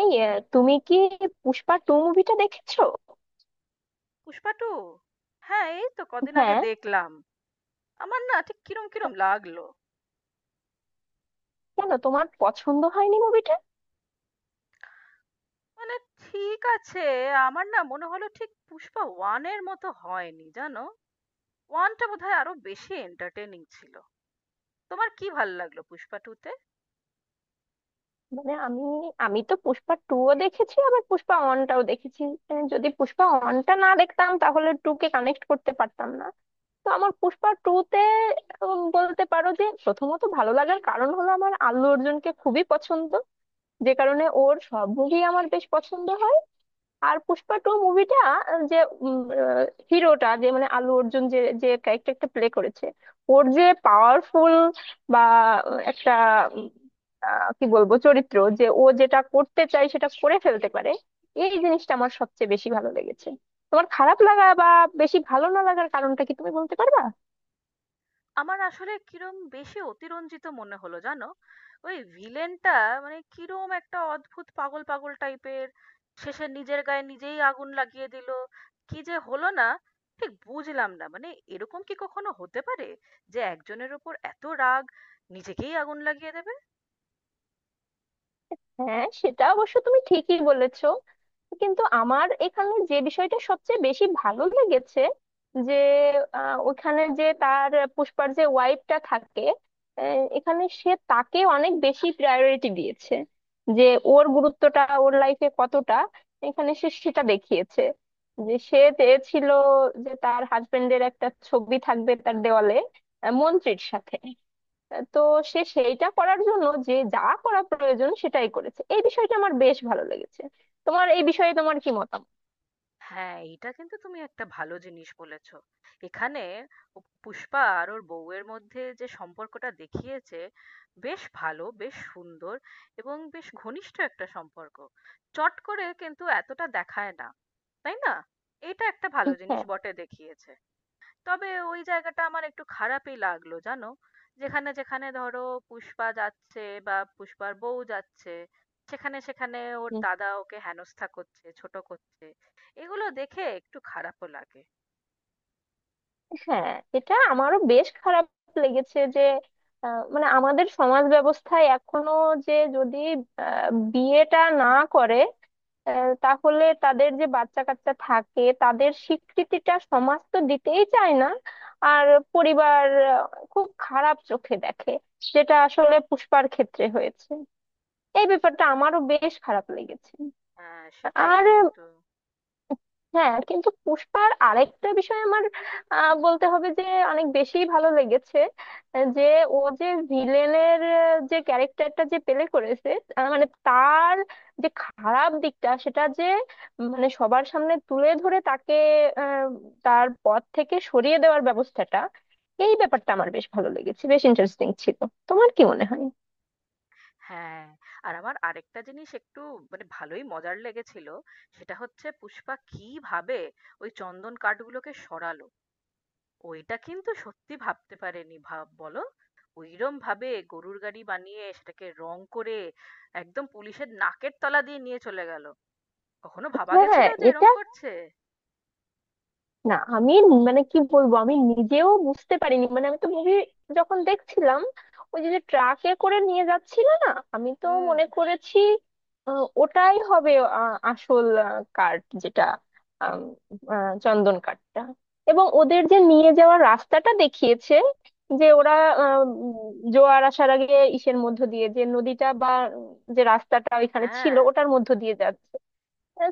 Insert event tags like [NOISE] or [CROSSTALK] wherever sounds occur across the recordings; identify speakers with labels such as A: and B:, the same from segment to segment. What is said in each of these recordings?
A: এই তুমি কি পুষ্পা টু মুভিটা দেখেছো?
B: পুষ্পা টু। হ্যাঁ, এই তো কদিন আগে
A: হ্যাঁ।
B: দেখলাম। আমার না ঠিক কিরম কিরম লাগলো।
A: কেন তোমার পছন্দ হয়নি মুভিটা?
B: মানে ঠিক আছে, আমার না মনে হলো ঠিক পুষ্পা ওয়ান এর মতো হয়নি জানো। ওয়ানটা বোধহয় আরো বেশি এন্টারটেনিং ছিল। তোমার কি ভালো লাগলো পুষ্পা টু তে?
A: মানে আমি আমি তো পুষ্পা টু ও দেখেছি, আবার পুষ্পা ওয়ানটাও দেখেছি। মানে যদি পুষ্পা ওয়ানটা না দেখতাম তাহলে টু কে কানেক্ট করতে পারতাম না। তো আমার পুষ্পা টু তে বলতে পারো যে প্রথমত ভালো লাগার কারণ হলো আমার আল্লু অর্জুনকে খুবই পছন্দ, যে কারণে ওর সব মুভি আমার বেশ পছন্দ হয়। আর পুষ্পা টু মুভিটা, যে হিরোটা, যে মানে আলু অর্জুন যে যে ক্যারেক্টারটা প্লে করেছে, ওর যে পাওয়ারফুল বা একটা উম, কি বলবো চরিত্র, যে ও যেটা করতে চায় সেটা করে ফেলতে পারে, এই জিনিসটা আমার সবচেয়ে বেশি ভালো লেগেছে। তোমার খারাপ লাগা বা বেশি ভালো না লাগার কারণটা কি তুমি বলতে পারবা?
B: আমার আসলে কিরম বেশি অতিরঞ্জিত মনে হলো জানো? ওই ভিলেনটা মানে কিরম একটা অদ্ভুত পাগল পাগল টাইপের, শেষে নিজের গায়ে নিজেই আগুন লাগিয়ে দিল। কি যে হলো না, ঠিক বুঝলাম না। মানে এরকম কি কখনো হতে পারে যে একজনের উপর এত রাগ নিজেকেই আগুন লাগিয়ে দেবে?
A: হ্যাঁ সেটা অবশ্য তুমি ঠিকই বলেছো। কিন্তু আমার এখানে যে বিষয়টা সবচেয়ে বেশি ভালো লেগেছে, যে ওখানে যে তার, পুষ্পার যে ওয়াইফটা থাকে, এখানে সে তাকে অনেক বেশি প্রায়োরিটি দিয়েছে। যে ওর গুরুত্বটা ওর লাইফে কতটা এখানে সে সেটা দেখিয়েছে। যে সে চেয়েছিল যে তার হাজবেন্ডের একটা ছবি থাকবে তার দেওয়ালে মন্ত্রীর সাথে। তো সে সেইটা করার জন্য যে যা করা প্রয়োজন সেটাই করেছে, এই বিষয়টা আমার বেশ ভালো লেগেছে। তোমার এই বিষয়ে তোমার কি মতামত?
B: হ্যাঁ, এটা কিন্তু তুমি একটা ভালো জিনিস বলেছ। এখানে পুষ্পা আর ওর বউয়ের মধ্যে যে সম্পর্কটা দেখিয়েছে, বেশ ভালো, বেশ সুন্দর এবং বেশ ঘনিষ্ঠ একটা সম্পর্ক। চট করে কিন্তু এতটা দেখায় না। তাই না? এটা একটা ভালো জিনিস
A: হ্যাঁ।
B: বটে দেখিয়েছে। তবে ওই জায়গাটা আমার একটু খারাপই লাগলো জানো? যেখানে যেখানে ধরো পুষ্পা যাচ্ছে বা পুষ্পার বউ যাচ্ছে, সেখানে সেখানে ওর
A: হুম।
B: দাদা ওকে হেনস্থা করছে, ছোট করছে। এগুলো দেখে একটু খারাপও লাগে।
A: হ্যাঁ, এটা আমারও বেশ খারাপ লেগেছে যে মানে আমাদের সমাজ ব্যবস্থায় এখনো, যে যদি আহ, বিয়েটা না করে তাহলে তাদের যে বাচ্চা কাচ্চা থাকে তাদের স্বীকৃতিটা সমাজ তো দিতেই চায় না। আর পরিবার খুব খারাপ চোখে দেখে, যেটা আসলে পুষ্পার ক্ষেত্রে হয়েছে, এই ব্যাপারটা আমারও বেশ খারাপ লেগেছে।
B: হ্যাঁ, সেটাই
A: আর
B: কিন্তু।
A: হ্যাঁ, কিন্তু পুষ্পার আরেকটা বিষয় আমার বলতে হবে যে অনেক বেশি ভালো লেগেছে, যে ও যে ভিলেনের যে ক্যারেক্টারটা যে প্লে করেছে, মানে তার যে খারাপ দিকটা সেটা যে মানে সবার সামনে তুলে ধরে তাকে আহ, তার পথ থেকে সরিয়ে দেওয়ার ব্যবস্থাটা, এই ব্যাপারটা আমার বেশ ভালো লেগেছে, বেশ ইন্টারেস্টিং ছিল। তোমার কি মনে হয়?
B: হ্যাঁ, আর আমার আরেকটা জিনিস একটু মানে ভালোই মজার লেগেছিল। সেটা হচ্ছে পুষ্পা কিভাবে ওই চন্দন কাঠগুলোকে সরালো। ওইটা কিন্তু সত্যি ভাবতে পারেনি, ভাব বলো। ওইরম ভাবে গরুর গাড়ি বানিয়ে সেটাকে রং করে একদম পুলিশের নাকের তলা দিয়ে নিয়ে চলে গেল। কখনো ভাবা গেছিল
A: হ্যাঁ
B: যে এরম
A: এটা,
B: করছে?
A: না আমি মানে কি বলবো, আমি নিজেও বুঝতে পারিনি। মানে আমি তো মুভি যখন দেখছিলাম, ওই যে ট্রাকে করে নিয়ে যাচ্ছিল না, আমি তো
B: হুম।
A: মনে করেছি ওটাই হবে আসল কার্ড, যেটা আম, চন্দন কাঠটা, এবং ওদের যে নিয়ে যাওয়ার রাস্তাটা দেখিয়েছে যে ওরা আহ, উম, জোয়ার আসার আগে ইসের মধ্য দিয়ে যে নদীটা বা যে রাস্তাটা ওইখানে ছিল
B: হ্যাঁ।
A: ওটার মধ্য দিয়ে যাচ্ছে।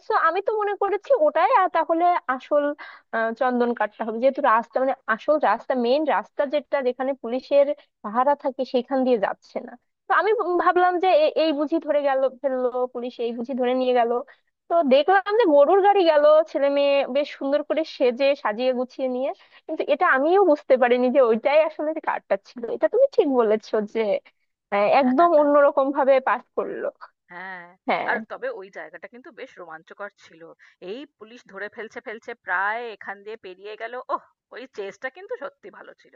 A: সো আমি তো মনে করেছি ওটাই, আর তাহলে আসল চন্দন কাঠটা হবে, যেহেতু রাস্তা মানে আসল রাস্তা, মেইন রাস্তা যেটা, যেখানে পুলিশের পাহারা থাকে সেখান দিয়ে যাচ্ছে না। তো আমি ভাবলাম যে এই বুঝি ধরে গেল, ফেললো পুলিশ, এই বুঝি ধরে নিয়ে গেল। তো দেখলাম যে গরুর গাড়ি গেল, ছেলে মেয়ে বেশ সুন্দর করে সেজে সাজিয়ে গুছিয়ে নিয়ে। কিন্তু এটা আমিও বুঝতে পারিনি যে ওইটাই আসলে যে কাঠটা ছিল। এটা তুমি ঠিক বলেছো যে একদম
B: [LAUGHS]
A: অন্যরকম ভাবে পাঠ করলো।
B: হ্যাঁ, আর
A: হ্যাঁ।
B: তবে ওই জায়গাটা কিন্তু বেশ রোমাঞ্চকর ছিল। এই পুলিশ ধরে ফেলছে ফেলছে, প্রায় এখান দিয়ে পেরিয়ে গেল, ওহ! ওই চেজটা কিন্তু সত্যি ভালো ছিল।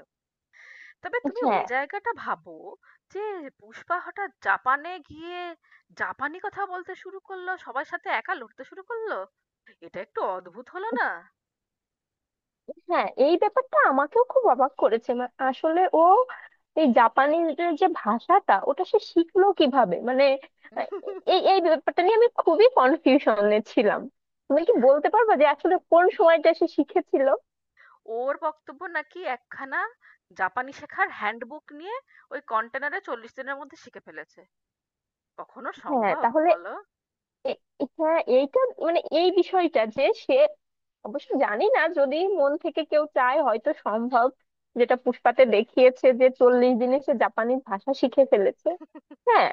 B: তবে তুমি ওই
A: হ্যাঁ।
B: জায়গাটা ভাবো, যে পুষ্পা হঠাৎ জাপানে গিয়ে জাপানি কথা বলতে শুরু করলো, সবার সাথে একা লড়তে শুরু করলো। এটা একটু অদ্ভুত হলো না?
A: হ্যাঁ, এই ব্যাপারটা আমাকেও খুব অবাক করেছে। আসলে ও এই জাপানিজদের যে ভাষাটা ওটা সে শিখলো কিভাবে মানে আহ, এই এই ব্যাপারটা নিয়ে আমি খুবই কনফিউশনে ছিলাম। তুমি কি বলতে পারবে যে আসলে কোন সময়টা সে শিখেছিল?
B: ওর বক্তব্য নাকি একখানা জাপানি শেখার হ্যান্ডবুক নিয়ে ওই কন্টেনারে 40 দিনের মধ্যে শিখে ফেলেছে। কখনো
A: হ্যাঁ
B: সম্ভব
A: তাহলে
B: বলো?
A: এ- হ্যাঁ এইটা মানে এই বিষয়টা যে সে, অবশ্য জানি না, যদি মন থেকে কেউ চায় হয়তো সম্ভব। যেটা পুষ্পাতে দেখিয়েছে যে 40 দিনে সে জাপানিজ ভাষা শিখে ফেলেছে। হ্যাঁ।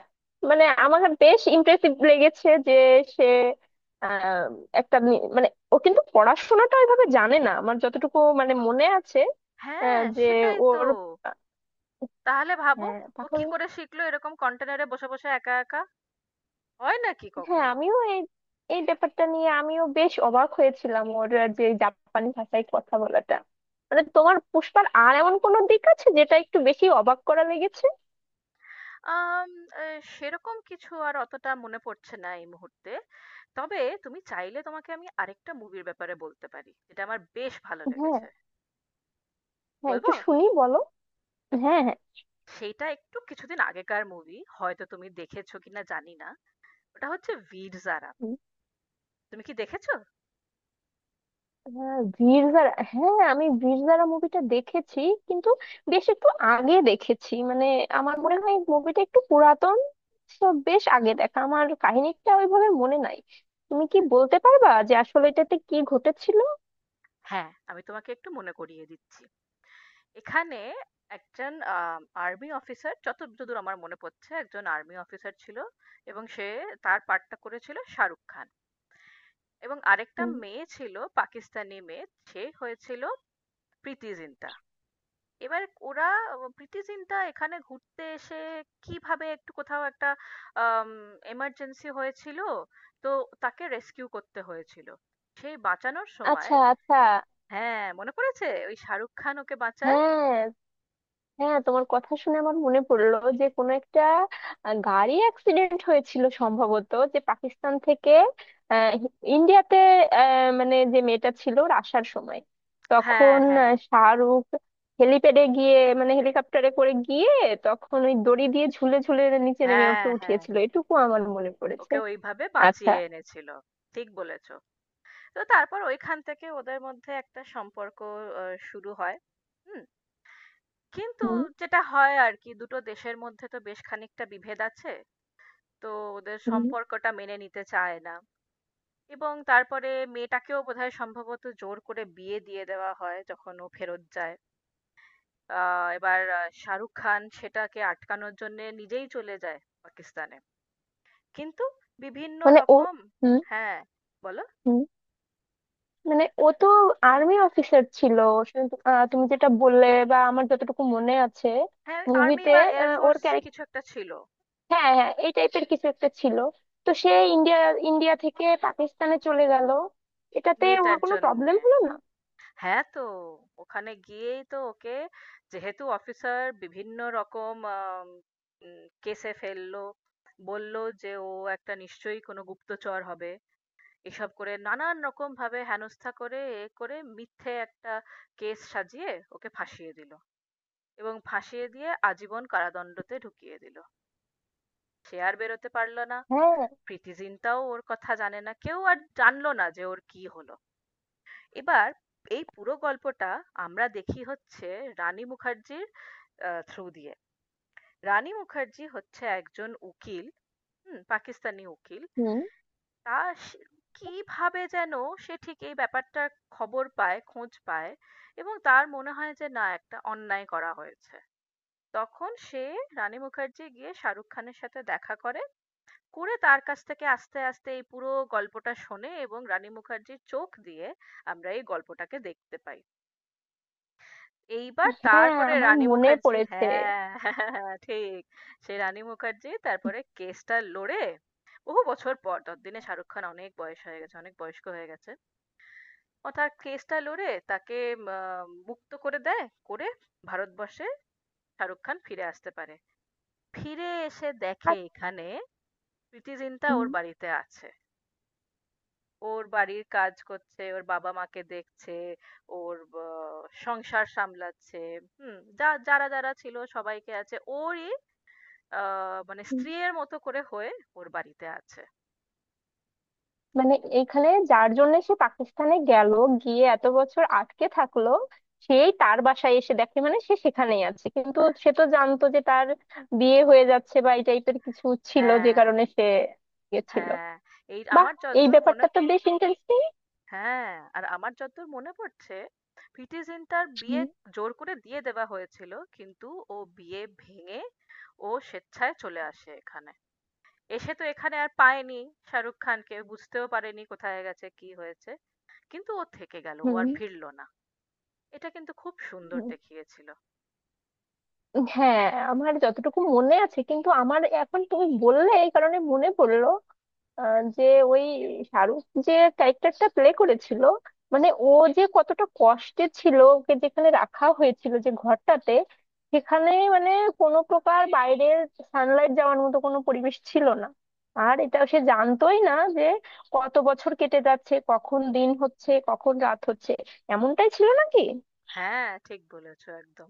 A: মানে আমার বেশ ইমপ্রেসিভ লেগেছে যে সে আহ, একটা মানে, ও কিন্তু পড়াশোনাটা ওইভাবে জানে না আমার যতটুকু মানে মনে আছে,
B: হ্যাঁ,
A: যে
B: সেটাই তো।
A: ওর আহ,
B: তাহলে ভাবো,
A: হ্যাঁ।
B: ও কি করে শিখলো এরকম কন্টেনারে বসে বসে একা একা? হয় নাকি
A: হ্যাঁ
B: কখনো?
A: আমিও এই এই ব্যাপারটা নিয়ে আমিও বেশ অবাক হয়েছিলাম, ওর যে জাপানি ভাষায় কথা বলাটা। মানে তোমার পুষ্পার আর এমন কোনো দিক আছে যেটা একটু বেশি অবাক করা লেগেছে?
B: আম আ সেরকম কিছু আর অতটা মনে পড়ছে না এই মুহূর্তে। তবে তুমি চাইলে তোমাকে আমি আরেকটা মুভির ব্যাপারে বলতে পারি। এটা আমার বেশ ভালো
A: হ্যাঁ।
B: লেগেছে।
A: হ্যাঁ,
B: বলবো?
A: একটু শুনি বলো। হ্যাঁ, হ্যাঁ।
B: সেইটা একটু কিছুদিন আগেকার মুভি। হয়তো তুমি দেখেছো কিনা জানি না। ওটা হচ্ছে 'বীর জারা'।
A: উম,
B: তুমি কি দেখেছো?
A: হ্যাঁ বীর জারা, হ্যাঁ আমি বীর জারা মুভিটা দেখেছি কিন্তু বেশ একটু আগে দেখেছি মানে, আমার মনে হয় মুভিটা একটু পুরাতন, তো বেশ আগে দেখা আমার, কাহিনীটা ওইভাবে মনে নাই। তুমি কি বলতে পারবা যে আসলে এটাতে কি ঘটেছিল?
B: হ্যাঁ, আমি তোমাকে একটু মনে করিয়ে দিচ্ছি। এখানে একজন আ আর্মি অফিসার, যতদূর আমার মনে পড়ছে একজন আর্মি অফিসার ছিল এবং সে, তার পার্টটা করেছিল শাহরুখ খান। এবং আরেকটা মেয়ে ছিল, পাকিস্তানি মেয়ে, সে হয়েছিল প্রীতি জিন্টা। এবার ওরা, প্রীতি জিন্টা এখানে ঘুরতে এসে কিভাবে একটু কোথাও একটা এমার্জেন্সি হয়েছিল, তো তাকে রেস্কিউ করতে হয়েছিল। সেই বাঁচানোর সময়,
A: আচ্ছা, আচ্ছা।
B: হ্যাঁ মনে পড়েছে, ওই শাহরুখ খান ওকে বাঁচায়।
A: হ্যাঁ। হ্যাঁ তোমার কথা শুনে আমার মনে পড়লো যে কোনো একটা গাড়ি অ্যাক্সিডেন্ট হয়েছিল সম্ভবত, যে পাকিস্তান থেকে আহ, ইন্ডিয়াতে, মানে যে মেয়েটা ছিল ওর আসার সময়।
B: হ্যাঁ,
A: তখন
B: হ্যাঁ,
A: শাহরুখ হেলিপ্যাডে গিয়ে মানে হেলিকপ্টারে করে গিয়ে, তখন ওই দড়ি দিয়ে ঝুলে ঝুলে নিচে নেমে
B: হ্যাঁ,
A: ওকে
B: হ্যাঁ,
A: উঠিয়েছিল, এটুকু আমার মনে পড়েছে।
B: ওকে ওইভাবে
A: আচ্ছা।
B: বাঁচিয়ে এনেছিল। ঠিক বলেছো। তো তারপর ওইখান থেকে ওদের মধ্যে একটা সম্পর্ক শুরু হয়। হুম। কিন্তু
A: হুম।
B: যেটা হয় আর কি, দুটো দেশের মধ্যে তো বেশ খানিকটা বিভেদ আছে। তো ওদের
A: হুম,
B: সম্পর্কটা মেনে নিতে চায় না। এবং তারপরে মেয়েটাকেও বোধহয় সম্ভবত জোর করে বিয়ে দিয়ে দেওয়া হয় যখন ও ফেরত যায়। এবার শাহরুখ খান সেটাকে আটকানোর জন্য নিজেই চলে যায় পাকিস্তানে। কিন্তু বিভিন্ন
A: মানে ও।
B: রকম,
A: হুম।
B: হ্যাঁ, বলো।
A: হুম, মানে ও তো আর্মি অফিসার ছিল, তুমি যেটা বললে বা আমার যতটুকু মনে আছে
B: হ্যাঁ, আর্মি
A: মুভিতে
B: বা এয়ার
A: ওর
B: ফোর্স
A: ক্যারেক্টার।
B: কিছু একটা ছিল,
A: হ্যাঁ, হ্যাঁ এই টাইপের কিছু একটা ছিল। তো সে ইন্ডিয়া, ইন্ডিয়া থেকে পাকিস্তানে চলে গেল, এটাতে ওর
B: মেয়েটার
A: কোনো প্রবলেম
B: জন্যে।
A: হলো না।
B: হ্যাঁ, তো ওখানে গিয়েই তো ওকে, যেহেতু অফিসার, বিভিন্ন রকম কেসে ফেললো। বলল যে ও একটা নিশ্চয়ই কোনো গুপ্তচর হবে, এসব করে নানান রকম ভাবে হেনস্থা করে, এ করে মিথ্যে একটা কেস সাজিয়ে ওকে ফাঁসিয়ে দিল। এবং ফাঁসিয়ে দিয়ে আজীবন কারাদণ্ডতে ঢুকিয়ে দিল, সে আর বেরোতে পারলো না।
A: হ্যাঁ।
B: প্রীতি জিন্টাও ওর কথা জানে না, কেউ আর জানলো না যে ওর কি হলো। এবার এই পুরো গল্পটা আমরা দেখি হচ্ছে রানী মুখার্জির থ্রু দিয়ে। রানী মুখার্জি হচ্ছে একজন উকিল, হুম, পাকিস্তানি উকিল।
A: হুম।
B: তা সে- কিভাবে যেন সে ঠিক এই ব্যাপারটার খবর পায়, খোঁজ পায়। এবং তার মনে হয় যে না, একটা অন্যায় করা হয়েছে। তখন সে, রানী মুখার্জি গিয়ে শাহরুখ খানের সাথে দেখা করে, করে তার কাছ থেকে আস্তে আস্তে এই পুরো গল্পটা শোনে। এবং রানী মুখার্জির চোখ দিয়ে আমরা এই গল্পটাকে দেখতে পাই। এইবার
A: হ্যাঁ
B: তারপরে
A: আমার
B: রানী
A: মনে
B: মুখার্জি,
A: পড়েছে।
B: হ্যাঁ [LAUGHS] ঠিক। সেই রানী মুখার্জি তারপরে কেসটা লড়ে। বহু বছর পর, ততদিনে শাহরুখ খান অনেক বয়স হয়ে গেছে, অনেক বয়স্ক হয়ে গেছে। ও তার কেসটা লড়ে তাকে মুক্ত করে দেয়, করে ভারতবর্ষে শাহরুখ খান ফিরে আসতে পারে। ফিরে এসে দেখে
A: আর
B: এখানে প্রীতি জিন্টা
A: হুম,
B: ওর বাড়িতে আছে। ওর বাড়ির কাজ করছে, ওর বাবা মা কে দেখছে, ওর সংসার সামলাচ্ছে, হম, যা যারা যারা ছিল সবাইকে আছে ওরই মানে স্ত্রীয়ের মতো করে হয়ে ওর বাড়িতে আছে।
A: মানে এইখানে যার জন্য সে পাকিস্তানে গেল, গিয়ে এত বছর আটকে থাকলো, সেই তার বাসায় এসে দেখে মানে সে সেখানেই আছে, কিন্তু সে তো জানতো যে তার বিয়ে হয়ে যাচ্ছে বা এই টাইপের কিছু ছিল যে
B: হ্যাঁ,
A: কারণে সে গেছিল।
B: হ্যাঁ, এই
A: বাহ,
B: আমার
A: এই
B: যতদূর মনে।
A: ব্যাপারটা তো বেশ ইন্টারেস্টিং।
B: হ্যাঁ, আর আমার যতদূর মনে পড়ছে প্রীতি জিন্টার বিয়ে
A: হুম,
B: জোর করে দিয়ে দেওয়া হয়েছিল, কিন্তু ও বিয়ে ভেঙে, ও স্বেচ্ছায় চলে আসে এখানে। এসে তো এখানে আর পায়নি শাহরুখ খানকে, বুঝতেও পারেনি কোথায় গেছে কি হয়েছে। কিন্তু ও থেকে গেল, ও
A: হুম।
B: আর ফিরলো না। এটা কিন্তু খুব সুন্দর দেখিয়েছিল।
A: হ্যাঁ আমার যতটুকু মনে আছে, কিন্তু আমার এখন তুমি বললে এই কারণে মনে পড়লো যে ওই শাহরুখ যে ক্যারেক্টারটা প্লে করেছিল, মানে ও যে কতটা কষ্টে ছিল, ওকে যেখানে রাখা হয়েছিল যে ঘরটাতে সেখানে মানে কোনো প্রকার বাইরের সানলাইট যাওয়ার মতো কোনো পরিবেশ ছিল না, আর এটা সে জানতোই না যে কত বছর কেটে যাচ্ছে, কখন দিন হচ্ছে কখন রাত হচ্ছে। এমনটাই ছিল নাকি?
B: হ্যাঁ, ঠিক বলেছো একদম।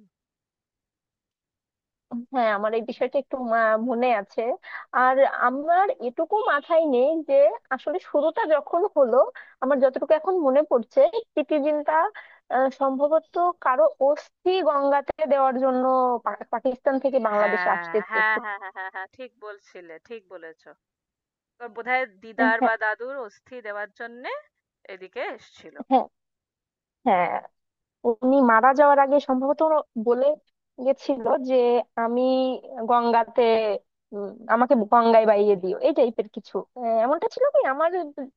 A: হ্যাঁ আমার এই বিষয়টা একটু মনে আছে। আর আমার এটুকু মাথায় নেই যে আসলে শুরুটা যখন হলো, আমার যতটুকু এখন মনে পড়ছে, প্রিতিজিন্তা সম্ভবত কারো অস্থি গঙ্গাতে দেওয়ার জন্য পাকিস্তান থেকে বাংলাদেশে
B: হ্যাঁ,
A: আসতে চেয়েছে।
B: হ্যাঁ, হ্যাঁ, হ্যাঁ, হ্যাঁ, হ্যাঁ, ঠিক বলছিলে, ঠিক বলেছো। ওর বোধহয়
A: হ্যাঁ,
B: দিদার
A: হ্যাঁ,
B: বা দাদুর অস্থি দেওয়ার জন্যে এদিকে এসেছিল।
A: হ্যাঁ, হ্যাঁ। উনি মারা যাওয়ার আগে সম্ভবত উনি বলে গেছিল যে আমি গঙ্গাতে উম, আমাকে গঙ্গায় বাইয়ে দিও এই টাইপের কিছু, এমনটা ছিল কি আমার,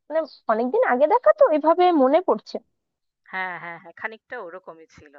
A: মানে অনেকদিন আগে দেখা তো এভাবে মনে পড়ছে।
B: হ্যাঁ, হ্যাঁ, হ্যাঁ, খানিকটা ওরকমই ছিল।